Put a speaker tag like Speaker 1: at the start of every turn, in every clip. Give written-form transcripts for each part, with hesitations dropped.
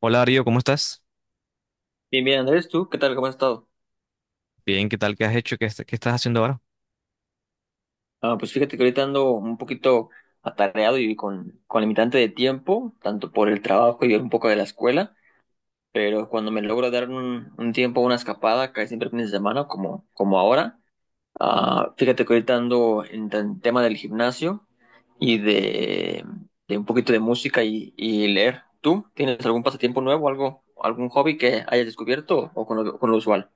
Speaker 1: Hola Darío, ¿cómo estás?
Speaker 2: Bien, bien, Andrés, ¿tú qué tal? ¿Cómo has estado?
Speaker 1: Bien, ¿qué tal? ¿Qué has hecho? ¿Qué estás haciendo ahora?
Speaker 2: Pues fíjate que ahorita ando un poquito atareado y con limitante de tiempo, tanto por el trabajo y un poco de la escuela, pero cuando me logro dar un tiempo, una escapada, casi siempre fines de semana, como, como ahora, fíjate que ahorita ando en el tema del gimnasio y de un poquito de música y leer. ¿Tú tienes algún pasatiempo nuevo, algo, algún hobby que hayas descubierto o con lo usual?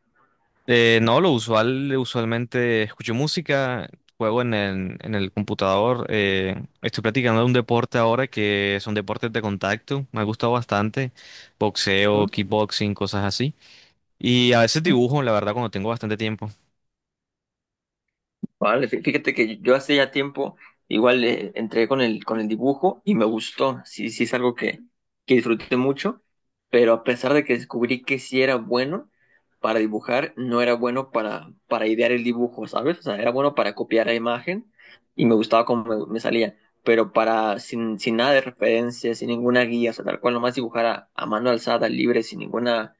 Speaker 1: No, lo usual, usualmente escucho música, juego en el computador, estoy practicando un deporte ahora que son deportes de contacto, me ha gustado bastante, boxeo,
Speaker 2: ¿Mm?
Speaker 1: kickboxing, cosas así. Y a veces dibujo, la verdad, cuando tengo bastante tiempo.
Speaker 2: Vale, fíjate que yo hace ya tiempo igual entré con el dibujo y me gustó. Sí, sí es algo que disfruté mucho, pero a pesar de que descubrí que sí era bueno para dibujar, no era bueno para idear el dibujo, ¿sabes? O sea, era bueno para copiar la imagen y me gustaba cómo me, me salía, pero para sin, sin nada de referencia, sin ninguna guía, o sea, tal cual nomás dibujar a mano alzada, libre, sin ninguna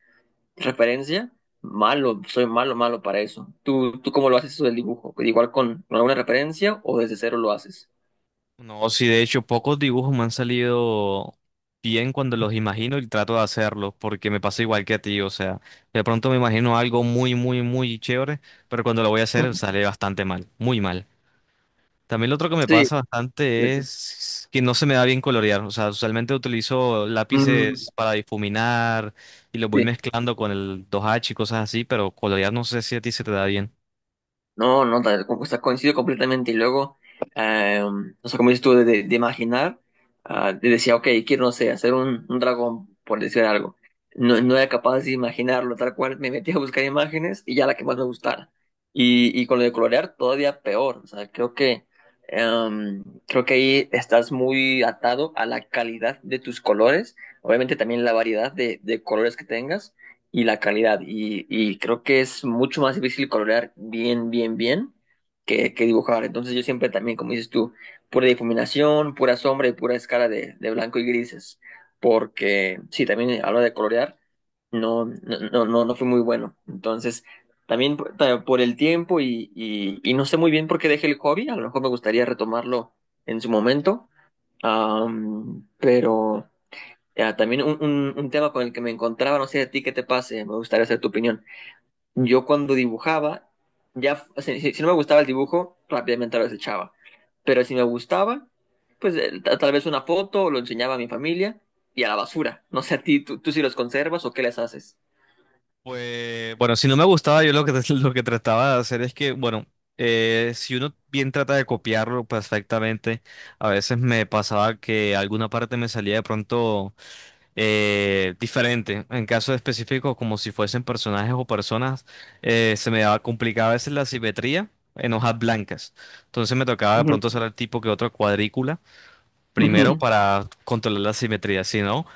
Speaker 2: ¿referencia? Malo, soy malo, malo para eso. ¿Tú, tú cómo lo haces eso del dibujo? ¿Pues igual con alguna referencia o desde cero lo haces?
Speaker 1: No, sí, de hecho, pocos dibujos me han salido bien cuando los imagino y trato de hacerlos, porque me pasa igual que a ti, o sea, de pronto me imagino algo muy, muy, muy chévere, pero cuando lo voy a hacer
Speaker 2: Ujú.
Speaker 1: sale bastante mal, muy mal. También lo otro que me
Speaker 2: Sí,
Speaker 1: pasa bastante
Speaker 2: completo.
Speaker 1: es que no se me da bien colorear, o sea, usualmente utilizo
Speaker 2: Mm,
Speaker 1: lápices para difuminar y los voy
Speaker 2: sí.
Speaker 1: mezclando con el 2H y cosas así, pero colorear no sé si a ti se te da bien.
Speaker 2: No, no, o sea, coincido completamente. Y luego, eh, o sea, como dices tú, de, de imaginar, de decía, ok, quiero, no sé, hacer un dragón, por decir algo. No, no era capaz de imaginarlo, tal cual me metí a buscar imágenes y ya la que más me gustara. Y con lo de colorear, todavía peor. O sea, creo que, creo que ahí estás muy atado a la calidad de tus colores, obviamente también la variedad de colores que tengas y la calidad. Y creo que es mucho más difícil colorear bien, bien, bien que dibujar. Entonces yo siempre también, como dices tú, pura difuminación, pura sombra y pura escala de blanco y grises. Porque sí, también a la hora de colorear no, no, no, no fui muy bueno. Entonces, también por por el tiempo y no sé muy bien por qué dejé el hobby. A lo mejor me gustaría retomarlo en su momento. Pero ya, también un tema con el que me encontraba, no sé a ti qué te pase, me gustaría saber tu opinión. Yo cuando dibujaba, ya, o sea, si, si no me gustaba el dibujo, rápidamente lo desechaba. Pero si me gustaba, pues tal vez una foto, lo enseñaba a mi familia y a la basura. No sé a ti, tú si los conservas o qué les haces.
Speaker 1: Pues bueno, si no me gustaba, yo lo que, lo que trataba de hacer es que, bueno, si uno bien trata de copiarlo perfectamente, a veces me pasaba que alguna parte me salía de pronto diferente. En casos específicos, como si fuesen personajes o personas, se me daba complicada a veces la simetría en hojas blancas. Entonces me tocaba de
Speaker 2: Ujú,
Speaker 1: pronto hacer el tipo que otra cuadrícula primero
Speaker 2: ujú,
Speaker 1: para controlar la simetría, si no,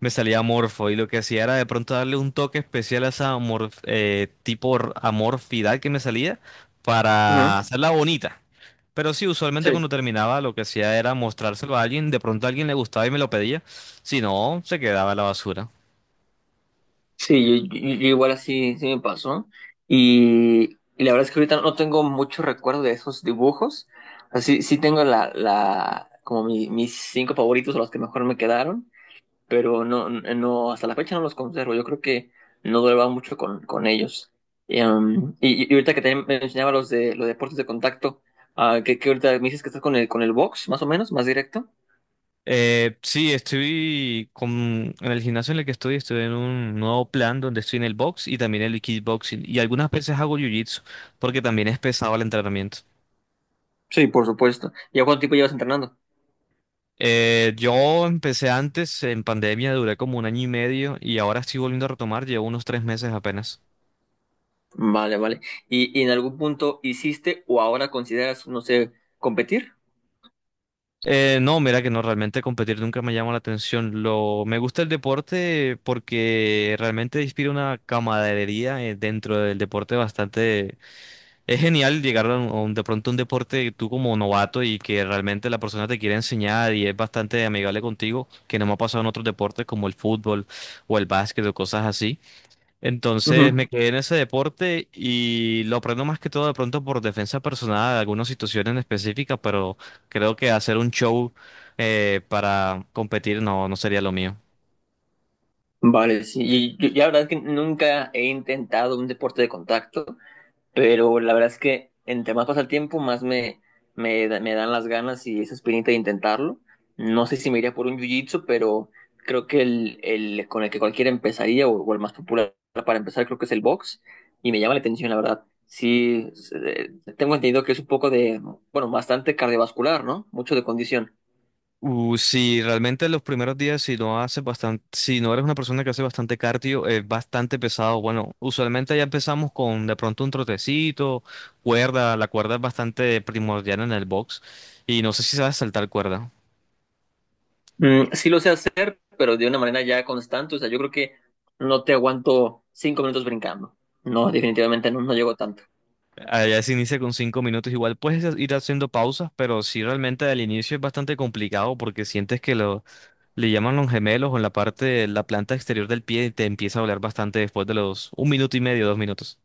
Speaker 1: me salía amorfo y lo que hacía era de pronto darle un toque especial a esa tipo amorfidad que me salía
Speaker 2: ujú.
Speaker 1: para hacerla bonita. Pero sí, usualmente
Speaker 2: Sí.
Speaker 1: cuando terminaba lo que hacía era mostrárselo a alguien, de pronto a alguien le gustaba y me lo pedía, si no, se quedaba en la basura.
Speaker 2: Sí, yo, yo igual así sí me pasó. Y la verdad es que ahorita no tengo mucho recuerdo de esos dibujos. Así sí tengo la, la, como mis cinco favoritos, o los que mejor me quedaron, pero no, no, hasta la fecha no los conservo. Yo creo que no duraba mucho con ellos. Y, y ahorita que te mencionaba los de los deportes de contacto, que ahorita me dices que estás con el box, más o menos, más directo.
Speaker 1: Sí, estoy en el gimnasio en el que estoy, estoy en un nuevo plan donde estoy en el box y también en el kickboxing y algunas veces hago jiu-jitsu porque también es pesado el entrenamiento.
Speaker 2: Sí, por supuesto. ¿Y a cuánto tiempo llevas entrenando?
Speaker 1: Yo empecé antes, en pandemia duré como un año y medio y ahora estoy volviendo a retomar, llevo unos 3 meses apenas.
Speaker 2: Vale, vale. Y en algún punto hiciste o ahora consideras, no sé, competir?
Speaker 1: No, mira que no, realmente competir nunca me llama la atención. Me gusta el deporte porque realmente inspira una camaradería dentro del deporte bastante. Es genial llegar a un, de pronto a un deporte tú como novato y que realmente la persona te quiere enseñar y es bastante amigable contigo, que no me ha pasado en otros deportes como el fútbol o el básquet o cosas así. Entonces
Speaker 2: Ujú.
Speaker 1: me quedé en ese deporte y lo aprendo más que todo de pronto por defensa personal de algunas situaciones específicas, pero creo que hacer un show para competir no, no sería lo mío.
Speaker 2: Vale, sí. Y la verdad es que nunca he intentado un deporte de contacto. Pero la verdad es que entre más pasa el tiempo, más me, me, me dan las ganas y esa espinita de intentarlo. No sé si me iría por un jiu-jitsu, pero creo que el con el que cualquiera empezaría o el más popular para empezar creo que es el box y me llama la atención, la verdad. Sí, es, tengo entendido que es un poco de, bueno, bastante cardiovascular, ¿no? Mucho de condición.
Speaker 1: Si realmente los primeros días, si no haces bastante, si no eres una persona que hace bastante cardio, es bastante pesado. Bueno, usualmente ya empezamos con de pronto un trotecito, cuerda. La cuerda es bastante primordial en el box y no sé si sabes saltar cuerda.
Speaker 2: Mm, sí lo sé hacer, pero de una manera ya constante. O sea, yo creo que no te aguanto 5 minutos brincando. No, definitivamente no, no llego tanto.
Speaker 1: Allá se inicia con 5 minutos. Igual puedes ir haciendo pausas, pero sí realmente al inicio es bastante complicado porque sientes que le llaman los gemelos o en la parte de la planta exterior del pie y te empieza a doler bastante después de los un minuto y medio, 2 minutos.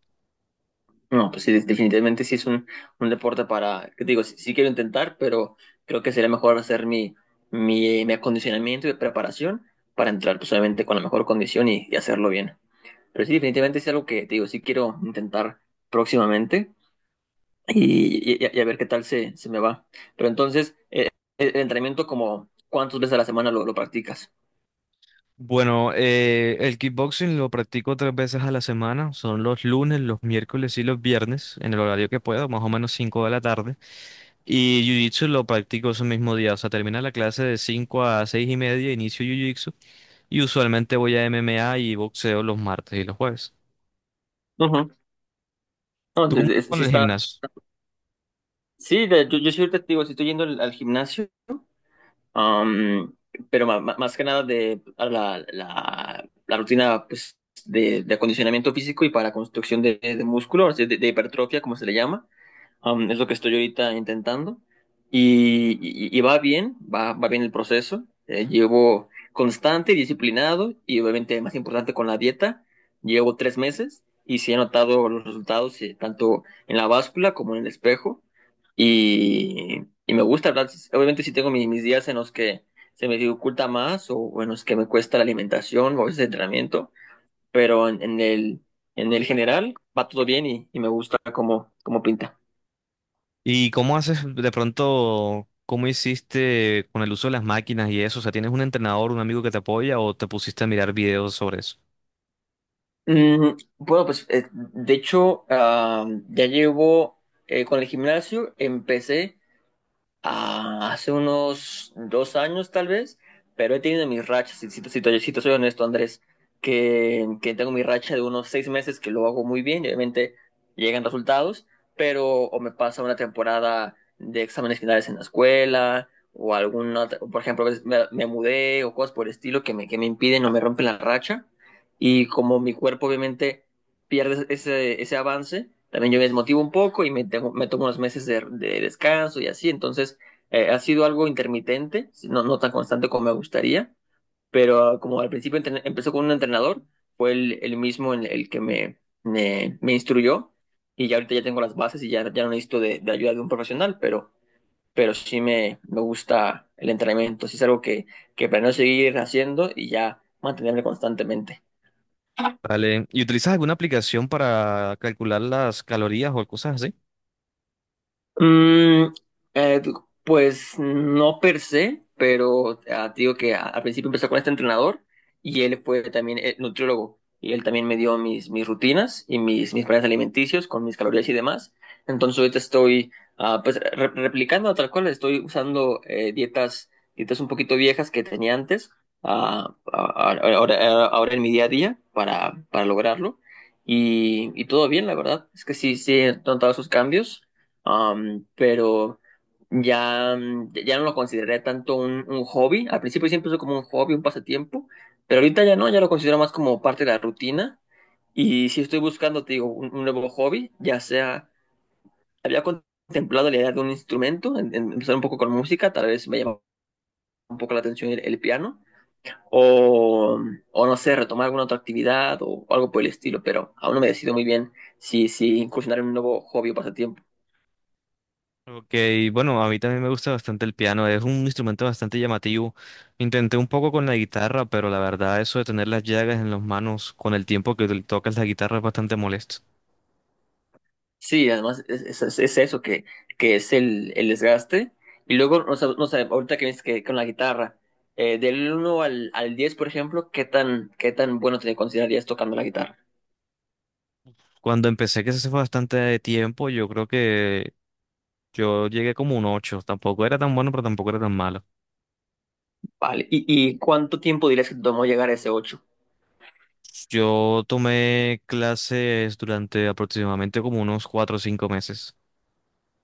Speaker 2: No, pues sí, definitivamente sí es un deporte para, que te digo, sí, sí quiero intentar, pero creo que sería mejor hacer mi, mi, mi acondicionamiento y preparación para entrar pues obviamente con la mejor condición y hacerlo bien. Pero sí, definitivamente es algo que, te digo, sí quiero intentar próximamente y, y a ver qué tal se, se me va. Pero entonces, el entrenamiento como, ¿cuántas veces a la semana lo practicas?
Speaker 1: Bueno, el kickboxing lo practico 3 veces a la semana. Son los lunes, los miércoles y los viernes, en el horario que puedo, más o menos 5 de la tarde. Y jiu-jitsu lo practico ese mismo día. O sea, termina la clase de 5 a 6 y media, inicio jiu-jitsu. Y usualmente voy a MMA y boxeo los martes y los jueves.
Speaker 2: Ujú. No,
Speaker 1: ¿Tú cómo con
Speaker 2: sí
Speaker 1: el
Speaker 2: está,
Speaker 1: gimnasio?
Speaker 2: sí, yo, yo soy testigo, si estoy yendo al al gimnasio. Am, pero más que nada de a la, la, la rutina pues, de acondicionamiento físico y para construcción de músculo, o sea, de hipertrofia, como se le llama. Es lo que estoy ahorita intentando y, y va bien, va, va bien el proceso. Llevo constante y disciplinado y obviamente más importante con la dieta. Llevo 3 meses y sí he notado los resultados tanto en la báscula como en el espejo y me gusta, ¿verdad? Obviamente sí tengo mis días en los que se me dificulta más o en los que me cuesta la alimentación o a veces el entrenamiento, pero en el general va todo bien y me gusta como cómo cómo pinta.
Speaker 1: ¿Y cómo haces de pronto, cómo hiciste con el uso de las máquinas y eso? O sea, ¿tienes un entrenador, un amigo que te apoya o te pusiste a mirar videos sobre eso?
Speaker 2: Mm, bueno, pues de hecho, ya llevo con el gimnasio, empecé. Ah, hace unos 2 años tal vez, pero he tenido mis rachas, si, si, si, si te soy honesto, Andrés, que tengo mi racha de unos 6 meses que lo hago muy bien, y obviamente llegan resultados, pero o me pasa una temporada de exámenes finales en la escuela, o alguna, por ejemplo, a veces me, me mudé o cosas por el estilo que me impiden o me rompen la racha, y como mi cuerpo obviamente pierdes ese, ese avance, también yo me desmotivo un poco y me, me tomo unos meses de descanso y así. Entonces, ha sido algo intermitente, no, no tan constante como me gustaría, pero como al principio empezó con un entrenador, fue el mismo en el que me instruyó y ya ahorita ya tengo las bases y ya, ya no necesito de ayuda de un profesional, pero sí me gusta el entrenamiento, sí es algo que planeo seguir haciendo y ya mantenerme constantemente.
Speaker 1: Vale. ¿Y utilizas alguna aplicación para calcular las calorías o cosas así?
Speaker 2: Mm, eh, pues no per se, pero te digo que al principio empezó con este entrenador y él fue también nutriólogo y él también me dio mis, mis rutinas y mis, mis planes alimenticios con mis calorías y demás. Entonces ahorita estoy pues replicando tal cual, estoy usando dietas, dietas un poquito viejas que tenía antes, ah, ah, ahora, ahora en mi día a día para lograrlo. Y todo bien, la verdad. Es que sí, sí he notado sus cambios. Pero ya, mm, ya no lo consideré tanto un hobby. Al principio siempre fue como un hobby, un pasatiempo, pero ahorita ya no, ya lo considero más como parte de la rutina. Y si estoy buscando, te digo, un nuevo hobby, ya sea, había contemplado la idea de un instrumento, en empezar un poco con música, tal vez me llama un poco la atención el piano, o, o no sé, retomar alguna otra actividad o, algo por el estilo, pero aún no me decido muy bien si, si incursionar en un nuevo hobby o pasatiempo.
Speaker 1: Ok, bueno, a mí también me gusta bastante el piano, es un instrumento bastante llamativo. Intenté un poco con la guitarra, pero la verdad eso de tener las llagas en las manos con el tiempo que tocas la guitarra es bastante molesto.
Speaker 2: Sí, además es- es eso que es el desgaste. Y luego, no sé, no sé, ahorita que ves que con la guitarra, del uno al, al 10 por ejemplo, qué tan bueno te considerarías tocando la guitarra?
Speaker 1: Cuando empecé, que se fue bastante tiempo, yo creo que yo llegué como un 8. Tampoco era tan bueno, pero tampoco era tan malo.
Speaker 2: Vale. Y cuánto tiempo dirías que te tomó llegar a ese ocho?
Speaker 1: Yo tomé clases durante aproximadamente como unos 4 o 5 meses.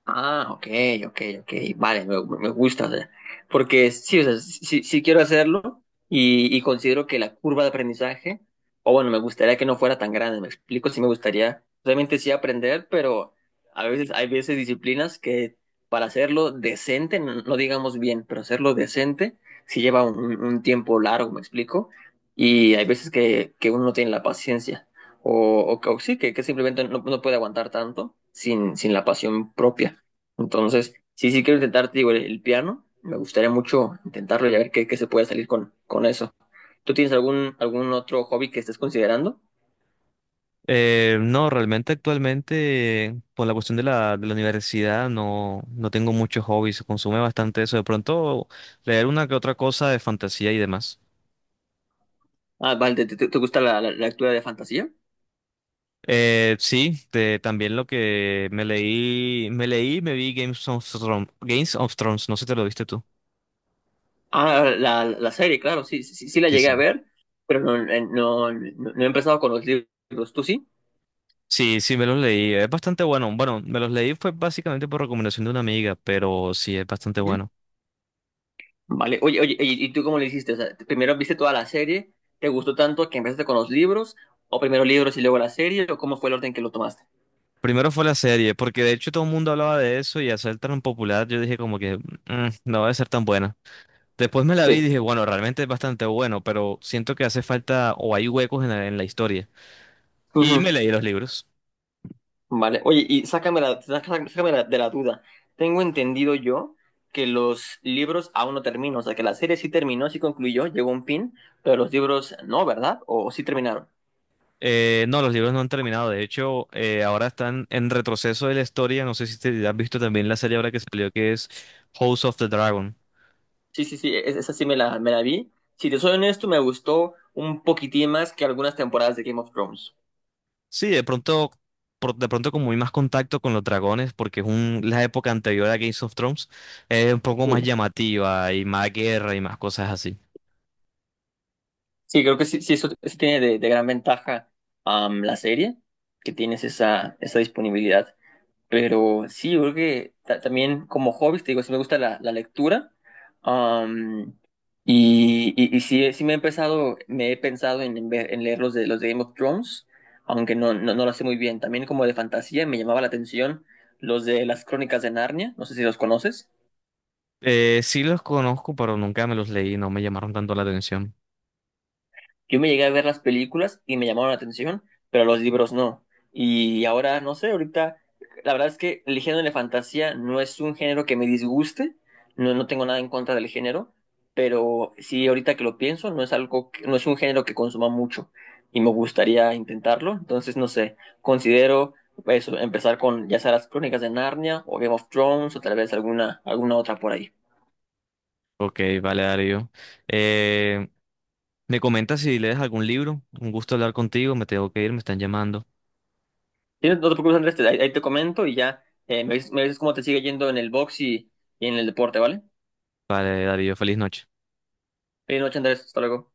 Speaker 2: Ah, ok, ok, ok. Vale, me gusta. O sea, porque sí, o sea, sí, sí quiero hacerlo y considero que la curva de aprendizaje, o bueno, me gustaría que no fuera tan grande. Me explico, sí me gustaría, obviamente sí aprender, pero a veces hay veces disciplinas que para hacerlo decente, no, no digamos bien, pero hacerlo decente sí lleva un, un tiempo largo, me explico. Y hay veces que uno no tiene la paciencia o sí, que simplemente no, no puede aguantar tanto sin, sin la pasión propia. Entonces, sí, sí quiero intentar, te digo, el piano. Me gustaría mucho intentarlo y a ver qué, qué se puede salir con eso. ¿Tú tienes algún, algún otro hobby que estés considerando?
Speaker 1: No, realmente actualmente, por la cuestión de la universidad, no, no tengo muchos hobbies. Consume bastante eso. De pronto, leer una que otra cosa de fantasía y demás.
Speaker 2: Ah, vale, ¿te, te gusta la, la, la lectura de fantasía?
Speaker 1: Sí, también lo que me leí, y me vi Games of Thrones, no sé si te lo viste tú.
Speaker 2: Ah, la serie, claro, sí, sí, sí sí la
Speaker 1: Sí,
Speaker 2: llegué a
Speaker 1: sí.
Speaker 2: ver, pero no, no, no, no he empezado con los libros. ¿Tú sí?
Speaker 1: Sí, sí, me los leí. Es bastante bueno. Bueno, me los leí fue básicamente por recomendación de una amiga, pero sí, es bastante
Speaker 2: ¿Mm?
Speaker 1: bueno.
Speaker 2: Vale, oye, oye, y tú cómo le hiciste? O sea, primero viste toda la serie, ¿te gustó tanto que empezaste con los libros? ¿O primero libros y luego la serie? ¿O cómo fue el orden que lo tomaste?
Speaker 1: Primero fue la serie, porque de hecho todo el mundo hablaba de eso y al ser tan popular yo dije como que "Mm, no va a ser tan buena". Después me la vi y
Speaker 2: Sí.
Speaker 1: dije, bueno, realmente es bastante bueno, pero siento que hace falta o hay huecos en la historia. Y
Speaker 2: Ujú.
Speaker 1: me leí los libros.
Speaker 2: Vale, oye, y sácame sácame de la duda. Tengo entendido yo que los libros aún no terminan, o sea, que la serie sí terminó, sí concluyó, llegó a un fin, pero los libros no, ¿verdad? ¿O sí terminaron?
Speaker 1: No, los libros no han terminado. De hecho, ahora están en retroceso de la historia. No sé si te has visto también la serie ahora que salió que es House of the Dragon.
Speaker 2: Sí, sí, sí, esa sí me la vi. Si te soy honesto, me gustó un poquitín más que algunas temporadas de Game of Thrones.
Speaker 1: Sí, de pronto, de pronto como hay más contacto con los dragones, porque la época anterior a Game of Thrones, es un poco más
Speaker 2: Mm.
Speaker 1: llamativa y más guerra y más cosas así.
Speaker 2: Sí, creo que sí, sí, eso tiene de gran ventaja la serie, que tienes esa, esa disponibilidad. Pero sí, yo creo que también como hobby, te digo, sí me gusta la, la lectura. am, y, y sí, sí me he empezado, me he pensado en, en leer los de Game of Thrones, aunque no, no, no lo sé muy bien. También como de fantasía me llamaba la atención los de las Crónicas de Narnia, no sé si los conoces.
Speaker 1: Sí los conozco, pero nunca me los leí, no me llamaron tanto la atención.
Speaker 2: Yo me llegué a ver las películas y me llamaron la atención, pero los libros no. Y ahora, no sé, ahorita, la verdad es que el género de fantasía no es un género que me disguste, no, no tengo nada en contra del género, pero sí, ahorita que lo pienso, no es algo, no es un género que consuma mucho y me gustaría intentarlo, entonces, no sé, considero eso, empezar con ya sea las crónicas de Narnia o Game of Thrones o tal vez alguna, alguna otra por ahí.
Speaker 1: Ok, vale, Darío. Eh, Me comentas si lees algún libro, un gusto hablar contigo, me tengo que ir, me están llamando.
Speaker 2: Sí, no te preocupes, Andrés, ahí, ahí te comento y ya me dices cómo te sigue yendo en el box y en el deporte, ¿vale?
Speaker 1: Vale, Darío, feliz noche.
Speaker 2: Feliz noche, Andrés, hasta luego.